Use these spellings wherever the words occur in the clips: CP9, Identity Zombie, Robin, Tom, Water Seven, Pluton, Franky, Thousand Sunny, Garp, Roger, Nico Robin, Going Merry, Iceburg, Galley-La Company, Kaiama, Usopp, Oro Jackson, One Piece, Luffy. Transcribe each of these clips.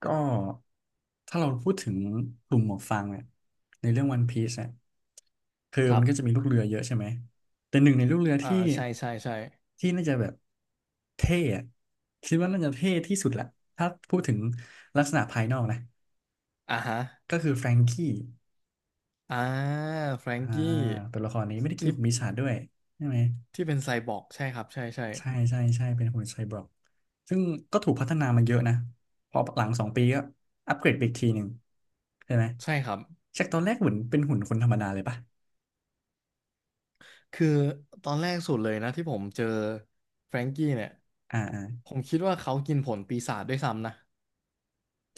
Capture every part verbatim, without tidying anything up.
ก็ถ้าเราพูดถึงกลุ่มหมวกฟางเนี่ยในเรื่องวันพีซเนี่ยคือคมัรันบก็จะมีลูกเรือเยอะใช่ไหมแต่หนึ่งในลูกเรืออ่าที่ใช่ ใช่ ใช่ที่น่าจะแบบเท่อะคิดว่าน่าจะเท่ที่สุดแหละถ้าพูดถึงลักษณะภายนอกนะอ่าฮะก็คือแฟรงกี้อ่าแฟรงอ่ากี้ตัวละครนี้ไม่ได้กินที่ของปีศาจด้วยใช่ไหม ที่เป็นไซบอร์กใช่ครับ ใช่ ใช่ ใช่ใช่ใช่เป็นหุ่นไซบอร์กซึ่งก็ถูกพัฒนามาเยอะนะพอหลังสองปีก็อัปเกรดไปอีกทีหนึ่งใช่ไหม ใช่ครับจากตอนแรกเหมือนเป็นหุ่นคนธรรมดาเลยปะคือตอนแรกสุดเลยนะที่ผมเจอแฟรงกี้เนี่ย อ่าอ่าผมคิดว่าเขากินผลปีศาจด้วยซ้ำนะ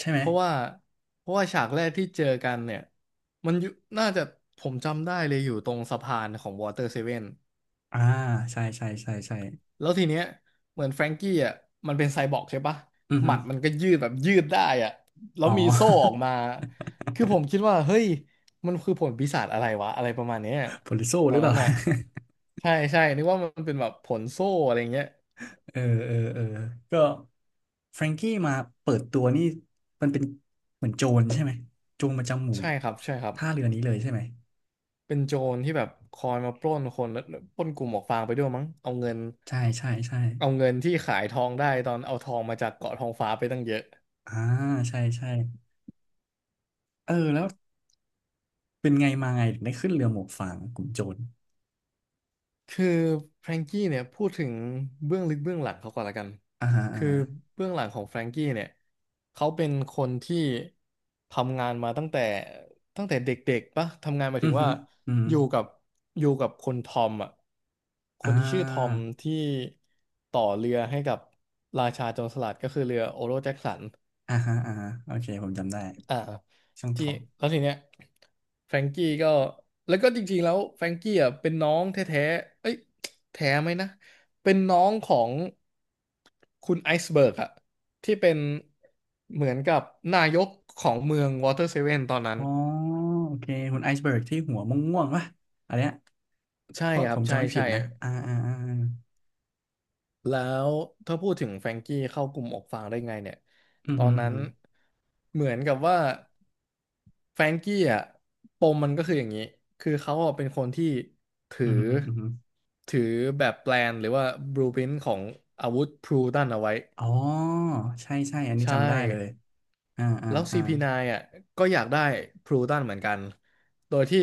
ใช่ไหม เพราะว่าเพราะว่าฉากแรกที่เจอกันเนี่ย มันอยู่น่าจะผมจำได้เลยอยู่ตรงสะพานของวอเตอร์เซเว่น อ่าใช่ใช่ใช่ใช่แล้วทีเนี้ยเหมือนแฟรงกี้อ่ะมันเป็นไซบอร์กใช่ปะอือหฮึมัดมันก็ยืดแบบยืดได้อ่ะแล้อ๋วอ มีโซ่อ อกมาคือผมคิดว่าเฮ้ยมันคือผลปีศาจอะไรวะอะไรประมาณเนี้ยโพลิโซตหอรืนอเปนั้ล่า น อ่ะใช่ใช่นึกว่ามันเป็นแบบผลโซ่อะไรเงี้ยเออเออเออก็แฟรงกี้มาเปิดตัวนี่มันเป็นเหมือนโจรใช่ไหม โจรประจำหมู่ใช่ครับใช่ครับท่าเรือนี้เลยใช่ไหมเป็นโจรที่แบบคอยมาปล้นคนแล้วปล้นกลุ่มหมวกฟางไปด้วยมั้งเอาเงินใช่ใช่ใช่เอาเงินที่ขายทองได้ตอนเอาทองมาจากเกาะทองฟ้าไปตั้งเยอะ อ่าใช่ใช่เออแล้ว เป็นไงมาไงถึงได้ขึ้นเรือหมวกฟางกลุ่มโจรคือแฟรงกี้เนี่ยพูดถึงเบื้องลึกเบื้องหลังเขาก่อนละกันอ่าฮะอ่าคือฮะเบื้องหลังของแฟรงกี้เนี่ยเขาเป็นคนที่ทำงานมาตั้งแต่ตั้งแต่เด็กๆปะทำงานหมายอืถึองฮึว่าอือฮึอยู่กับอยู่กับคนทอมอ่ะคอ่นที่ชื่อทอมาที่ต่อเรือให้กับราชาโจรสลัดก็คือเรือโอโรแจ็คสัน อ่าฮะอ่าฮะโอเคผมจำได้อ่าช่างทที่องแล้วทีเนี้ยแฟรงกี้ก็แล้วก็จริงๆแล้วแฟรงกี้อ่ะเป็นน้องแท้ๆเอ้ยแท้ไหมนะเป็นน้องของคุณไอซ์เบิร์กอะที่เป็นเหมือนกับนายกของเมืองวอเตอร์เซเว่นตอนอ๋อนั้นโอเคคุณไอซ์เบิร์กที่หัวม่วงๆป่ะอันเนี้ยใช่เพราะคผรับมใช่จำไม่ผิใช่ดนะอ่าอ่าอ่าแล้วถ้าพูดถึงแฟรงกี้เข้ากลุ่มออกฟางได้ไงเนี่ยอือตอฮึนอืนั้อนฮึเหมือนกับว่า แฟรงกี้อ่ะปมมันก็คืออย่างนี้คือเขาอะเป็นคนที่ถือืออฮึอือฮึถือแบบแปลนหรือว่าบลูพรินท์ของอาวุธพลูตันเอาไว้อ๋อใช่ใช่อันนี้ใช่จำได้เลยอ่าอ่าแล้ว อ่า ซี พี ไนน์ อ่ะก็อยากได้พลูตันเหมือนกันโดยที่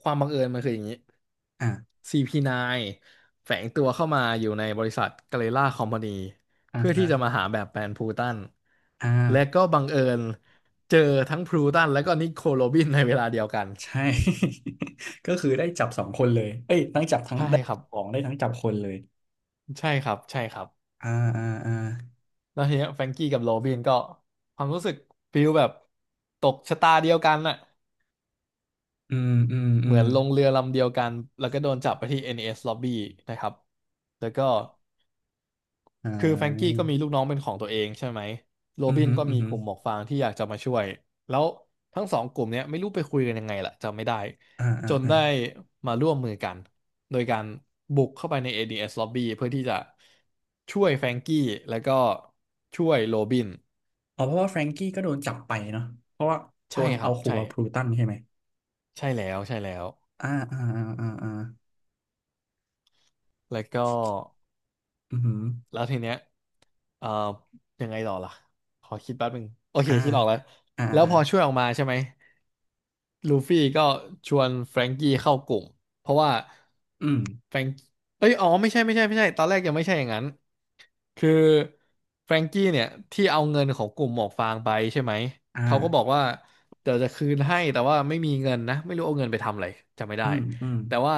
ความบังเอิญมันคืออย่างนี้ อ่า ซี พี ไนน์ แฝงตัวเข้ามาอยู่ในบริษัทกาเลล่าคอมพานีอ่าเพื่อที่ฮะจะมาหาแบบแปลนพลูตันอ่าและก็บังเอิญเจอทั้งพลูตันและก็นิโคลโรบินในเวลาเดียวกัน ใช่ ก็คือได้จับสองคนเลยเอ้ยทั้งจับทั้งใช่ได้ครับของได้ทั้งจับคนเลยใช่ครับ ใช่ครับ อ่าอ่าอ่า แล้วทีเนี้ยแฟรงกี้กับโรบินก็ความรู้สึกฟิลแบบตกชะตาเดียวกันน่ะอืมอืมอืเหมืมอนลงเรือลำเดียวกัน แล้วก็โดนจับไปที่ เอ็น อี เอส Lobby นะครับ แล้วก็ อ่คือแฟรงกี้าก็มีลูกน้องเป็นของตัวเองใช่ไหมโรอืมอบินหือก็อือมีหืกอลุ่มหมวกฟางที่อยากจะมาช่วยแล้วทั้งสองกลุ่มเนี้ยไม่รู้ไปคุยกันยังไงล่ะจำไม่ได้อ่าอ่าจนอ่าได้มาร่วมมือกันโดยการบุกเข้าไปใน เอ ดี เอส Lobby เพื่อที่จะช่วยแฟรงกี้แล้วก็ช่วยโรบินอ๋อเพราะว่าแฟรงกี้ก็โดนจับไปเนาะเพราะว่าโดใช่นครัเอาบขู่ใช่กับพลูตันใช่ไหมใช่แล้วใช่แล้วอ่าอ่าอ่าอ่าอ่าแล้วก็ อือหือแล้วทีเนี้ยเอ่อยังไงต่อล่ะขอคิดแป๊บหนึ่งโอเคอ่าคิดออกแล้วอ่าแล้วอ่าพอช่วยออกมาใช่ไหมลูฟี่ก็ชวนแฟรงกี้เข้ากลุ่มเพราะว่าอืมแฟรงเอ้ยอ๋อไม่ใช่ไม่ใช่ไม่ใช่ตอนแรกยังไม่ใช่อย่างนั้นคือแฟรงกี้เนี่ยที่เอาเงินของกลุ่มหมวกฟางไปใช่ไหมอ่าเขาก็บอกว่าเดี๋ยวจะคืนให้แต่ว่าไม่มีเงินนะไม่รู้เอาเงินไปทำอะไรจำไม่ได้ อืมอืมแต่ว่า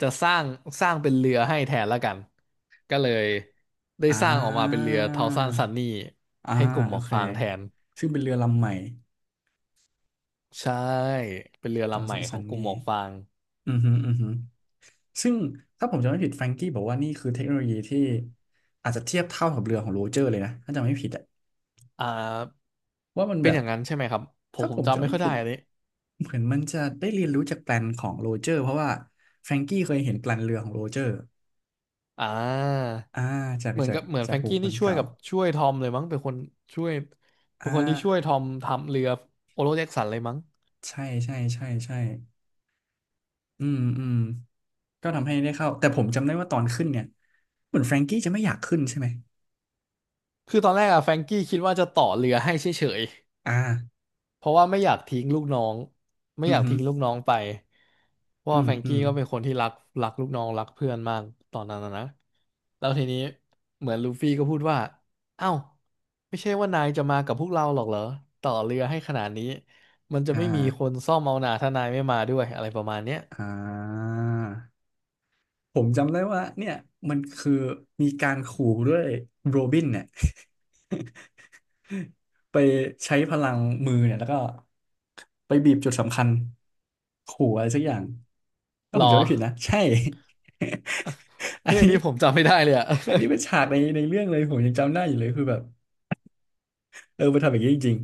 จะสร้างสร้างเป็นเรือให้แทนละกันก็เลยได้อ่สร้างออกมาเป็นเรืาอทาวซันซันนี่อ่าให้กลุ่มหโอมวกเคฟางแทนซึ่งเป็นเรือลำใหม่ใช่เป็นเรือตอนลำใหสม่ขอั้งนกๆลุ่มนี่หมวกฟางอือหืออือหือซึ่งถ้าผมจำไม่ผิดแฟรงกี้บอกว่านี่คือเทคโนโลยีที่อาจจะเทียบเท่ากับเรือของโรเจอร์เลยนะถ้าจำไม่ผิดอะอ่าว่ามันเป็แบนอบย่างนั้นใช่ไหมครับผมถ้าผผมมจำจำไม่ไม่ค่อยผิได้ด อันนี้เหมือนมันจะได้เรียนรู้จากแปลนของโรเจอร์เพราะว่าแฟรงกี้เคยเห็นแปลนเรือของโรเจอร์อ่าอ่าจากเหมือนจากกับเหมือนจาแฟกรงบุคกี้คนี่ลช่วยเก่ากับช่วยทอมเลยมั้งเป็นคนช่วยเป็อ่นคนที่ช่วยทาอมทำเรือโอโรเจ็กสันเลยมั้งใช่ใช่ใช่ใช่อืมอืมก็ทำให้ได้เข้าแต่ผมจำได้ว่าตอนขึ้นเนี่ยเหมือนแฟรงกี้จะไม่อยากขึ้นใช่ไหมคือตอนแรกอะแฟรงกี้คิดว่าจะต่อเรือให้เฉย อ่าเพราะว่าไม่อยากทิ้งลูกน้องไม่อือมอยากหือทิ้งลูกน้องไปเพราะอืว่ามแฟรงอืกี้มก็เป็นคนที่รักรักลูกน้องรักเพื่อนมากตอนนั้นนะนะแล้วทีนี้เหมือนลูฟี่ก็พูดว่าเอ้าไม่ใช่ว่านายจะมากับพวกเราหรอกเหรอต่อเรือให้ขนาดนี้มันจะอ่ไม่มีคนาซ่อมเอาหนาถ้านายไม่มาด้วยอะไรประมาณเนี้ยอ่าผมจำได้ว่าเนี่ยมันคือมีการขู่ด้วยโรบินเนี่ย ไปใช้พลังมือเนี่ยแล้วก็ไปบีบจุดสำคัญขู่อะไรสักอย่างถ้าผรมอจำไม่ผิดนะใช่ อันเฮ้ยอันนี้นี้ผมจำไม่ได้เลยอะ อันนี้เป็น ฉากในในเรื่องเลยผมยังจำได้อยู่เลยคือแบบเออมันทำอย่างนี้จริง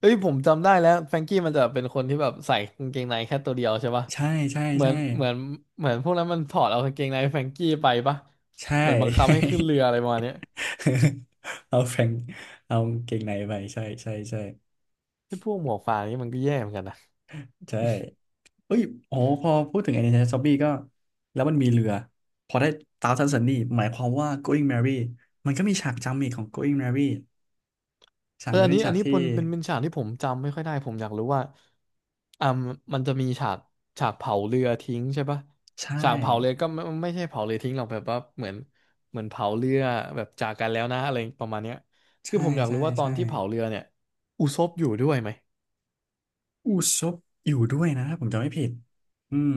เอ้ยผมจำได้แล้วแฟรงกี้มันจะเป็นคนที่แบบใส่กางเกงในแค่ตัวเดียวใช่ปะๆใช่ใช่เหมือใช่นเหมือนเหมือนพวกนั้นมันถอดเอากางเกงในแฟรงกี้ไปปะใช่ เหมือนบังคับให้ขึ้นเรือ อะไรประมาณเนี้ยใช่ เอาแฟรงค์เอากางเกงในไปใช่ใช่ใช่ไอ้พวกหมวกฟางนี่มันก็แย่เหมือนกันนะใช่ เอ้ยโอ้พอพูดถึง Identity Zombie ก็แล้วมันมีเรือพอได้ Thousand Sunny หมายความว่า Going Merry มันก็มีฉากจำอีกของ Going Merry ฉาเอกอนี้อันเป็นนี้ฉาอักนนี้ที่เป็นเป็นเป็นฉากที่ผมจำไม่ค่อยได้ผมอยากรู้ว่าอ่ามันจะมีฉากฉากเผาเรือทิ้งใช่ปะใช่ฉากเผาเรือก็ไม่ไม่ใช่เผาเรือทิ้งหรอกแบบว่าเหมือนเหมือนเผาเรือแบบจากกันแล้วนะอะไรประมาณเนี้ยคือใช่ผมอยากใช่รู้ว่าตอนใช่ที่เผาเรือเนี่ยอุซบอยู่ด้วยไหม อูซบอยู่ด้วยนะถ้าผมจำไม่ผิดอืม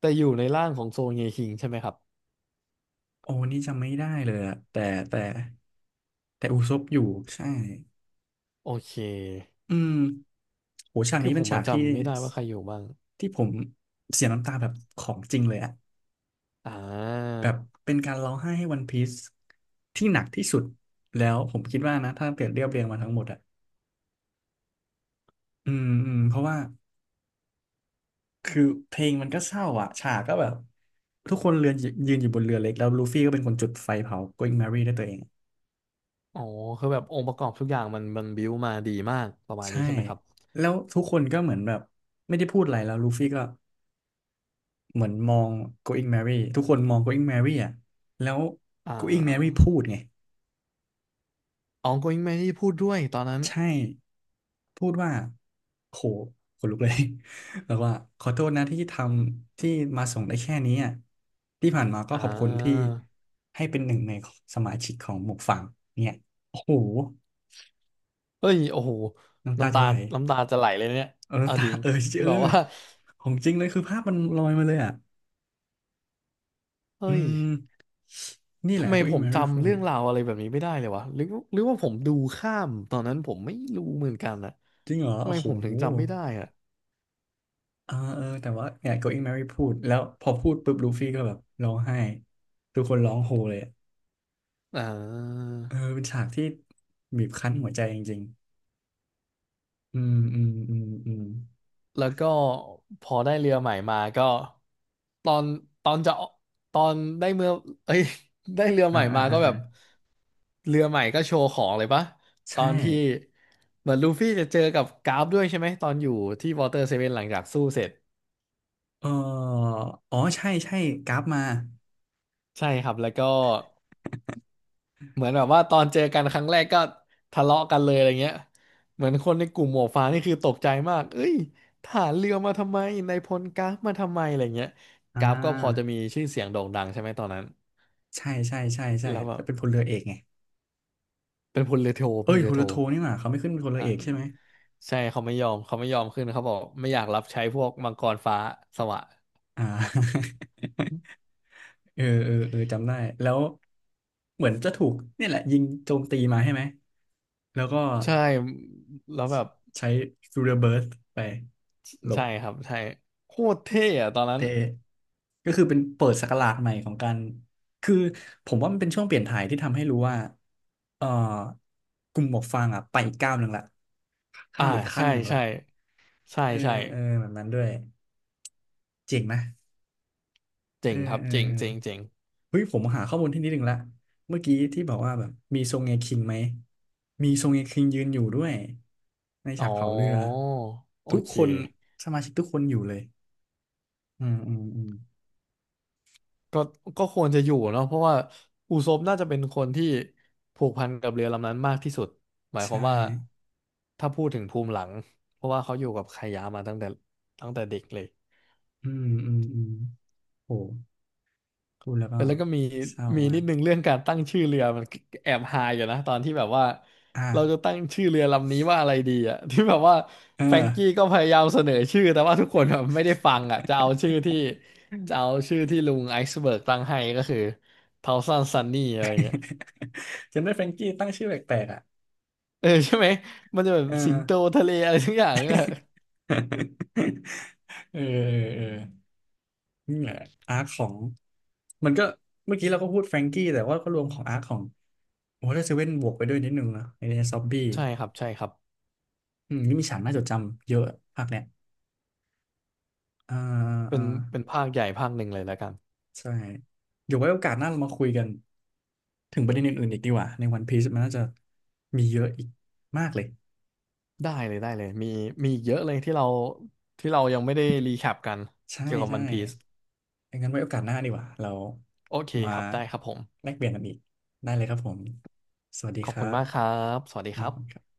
แต่อยู่ในร่างของโซเงคิงใช่ไหมครับโอ้นี่จำไม่ได้เลยอะแต่แต่แต่อูซบอยู่ใช่โอเคอืมโหฉากคือนี้ผเป็นมฉามันกที่จำไม่ได้ว่าใครอยู่บ้างที่ผมเสียน้ำตาแบบของจริงเลยอะ อ่าแบบเป็นการร้องไห้ให้วันพีซที่หนักที่สุดแล้วผมคิดว่านะถ้าเกิดเรียบเรียงมาทั้งหมดอ่ะอืมอืมเพราะว่าคือเพลงมันก็เศร้าอ่ะฉากก็แบบทุกคนเรือนยืนอยู่บนเรือเล็กแล้วลูฟี่ก็เป็นคนจุดไฟเผา Going Merry ได้วยตัวเองอ๋อคือแบบองค์ประกอบทุกอย่างมันมันบิวมาดีมากประมาณใช่นี้ใช่ไหมครับแล้วทุกคนก็เหมือนแบบไม่ได้พูดอะไรแล้วลูฟี่ก็เหมือนมอง Going Merry ทุกคนมอง Going Merry อ่ะแล้ว อ่ Going Merry าพูดไง อ๋อ Going Man ที่พูดด้วยตอนนั้นใช่ พูดว่า โหขนลุกเลย แล้วว่าขอโทษนะที่ทำที่มาส่งได้แค่นี้อ่ะ ที่ผ่านมาก็อ่ขอบคุณที่าให้เป็นหนึ่งในสมาชิกของหมวกฝั่งเนี่ยโอ้โห เฮ้ยโอ้โหน้ำตาน้ำจะตาไหลน้ำตาจะไหลเลยเนี่ยเออเอาน้ำตาจริงเออคือเออ แบบว่าของจริงเลยคือภาพมันลอยมาเลยอ่ะ อืเฮ้ยม นี่แหทำละ ไมผ Going ม Merry พูจำดเรื่องราวอะไรแบบนี้ไม่ได้เลยวะหรือหรือว่าผมดูข้ามตอนนั้นผมไม่รู้เหมือนกันนะจริงเหรอทำไมโอ้โหผมถึงจำไม่ได้อะอ่าเออแต่ว่าเนี่ย Going Merry พูดแล้วพอพูดปุ๊บลูฟี่ก็แบบร้องไห้ทุกคนร้องโฮเลย อ่เออา เป็นฉากที่บีบคั้นหัวใจจริงๆอืมอืมอืมอืมแล้วก็พอได้เรือใหม่มาก็ตอนตอนจะตอนได้เมื่อเอ้ย ได้เรือใหอ่าม่อ่ามาอ่าก็แบอ่าบเรือใหม่ก็โชว์ของเลยปะตอใช่นที่เหมือนลูฟี่จะเจอกับกราฟด้วยใช่ไหมตอนอยู่ที่วอเตอร์เซเว่นหลังจากสู้เสร็จเอออ๋อใช่ใช่กราฟมาใช่ครับแล้วก็ เหมือนแบบว่าตอนเจอกันครั้งแรกก็ทะเลาะกันเลยอะไรเงี้ยเหมือนคนในกลุ่มหมวกฟางนี่คือตกใจมากเอ้ยทหารเรือมาทำไมนายพลกราฟมาทำไมอะไรเงี้ยอ่กราฟก็พอจะามีชื่อเสียงโด่งดังใช่ไหมตอนนั้นใช่ใช่ใช่ใช่แล้วแบแล้วบเป็นพลเรือเอกไงเป็นพลเรือโทพเอ้ลยพเรือลโทเรือโทนี่หว่าเขาไม่ขึ้นเป็นพลเรือเอกใช่อ่ะไหมใช่เขาไม่ยอมเขาไม่ยอมขึ้นเขาบอกไม่อยากรับใช้พวกมังกรฟ้าสวะอ่า เออเออเออจำได้แล้วเหมือนจะถูกเนี่ยแหละยิงโจมตีมาใช่ไหมแล้วก็ใช่แล้วแบบใช้ฟิวเ e อร์เบิร์สไปหลบ ใช่ครับใช่โคตรเท่อะตอนนั้นเตะก็คือเป็นเปิดศักราชใหม่ของการคือผมว่ามันเป็นช่วงเปลี่ยนถ่ายที่ทำให้รู้ว่าเอ่อกลุ่มหมวกฟางอ่ะไปอีกก้าวหนึ่งละข้าอ่ามอีกขั้ใช่นหนึ่งละใช่ใช่เออใช่เออแบบนั้นด้วยเจ๋งไหมเอเจ๋องครับเออเจ๋งเออเจ๋งเจ๋ง เฮ้ยผมหาข้อมูลที่นิดหนึ่งละเมื่อกี้ที่บอกว่าแบบมีทรงเงคิงไหมมีทรงเงคิงยืนอยู่ด้วยในอ๋ฉากอเผาเรือโอทุกเคคนสมาชิกทุกคนอยู่เลยอืมอืมอืมก็ก็ควรจะอยู่เนาะเพราะว่าอูซบน่าจะเป็นคนที่ผูกพันกับเรือลำนั้นมากที่สุดหมายคใช่วามว่าถ้าพูดถึงภูมิหลังเพราะว่าเขาอยู่กับไคยามาตั้งแต่ตั้งแต่เด็กเลย อืมอืมอืมโห พูดแล้วเอก็อแล้วก็มีเศร้ามีมานิก ดนึงเรื่องการตั้งชื่อเรือมันแอบฮาอยู่นะตอนที่แบบว่าอ่ะเราจะตั้งชื่อเรือลำนี้ว่าอะไรดีอ่ะ ที่แบบว่าเอแฟรงกี้อก็พยายามเสนอชื่อแต่ว่าทุกคนแบบไม่ได้ฟังอ่ะจะเอาชื่อที่จะเอาชื่อที่ลุงไอซ์เบิร์กตั้งให้ก็คือเทาซันซันนี่อะไรเงี้ยจำได้แฟรงกี้ตั้งชื่อแปลกๆอ่ะเออใช่ไหมมันจะแบบเอสิงโตอ ทะเลอะไรทุกอย่าง เออ เออเออเออนี่แหละอาร์คของมันก็ เมื่อกี้เราก็พูดแฟรงกี้แต่ว่าก็รวมของอาร์คของวอเตอร์เซเว่นบวกไปด้วยนิดนึงนะในซอบบี้ใช่ครับใช่ครับอืมนี่มีฉากน่าจดจำเยอะภาคเนี้ยอ่าเป็อ่านเป็นภาคใหญ่ภาคหนึ่งเลยแล้วกันใช่เดี๋ยวไว้โอกาสหน้าเรามาคุยกันถึงประเด็นอื่นๆอีกดีกว่าในวันพีซมันน่าจะมีเยอะอีกมากเลย ได้เลยได้เลยมีมีอีกเยอะเลยที่เราที่เรายังไม่ได้รีแคปกันใช่เกี่ยวกับใช่วันพีซ งั้นไว้โอกาสหน้าดีกว่าเราโอเคมาครับ ได้ครับผม แลกเปลี่ยนกันอีกได้เลยครับผม สวัสดีขอคบรัคุณบมากครับ สวัสดีคครับรับ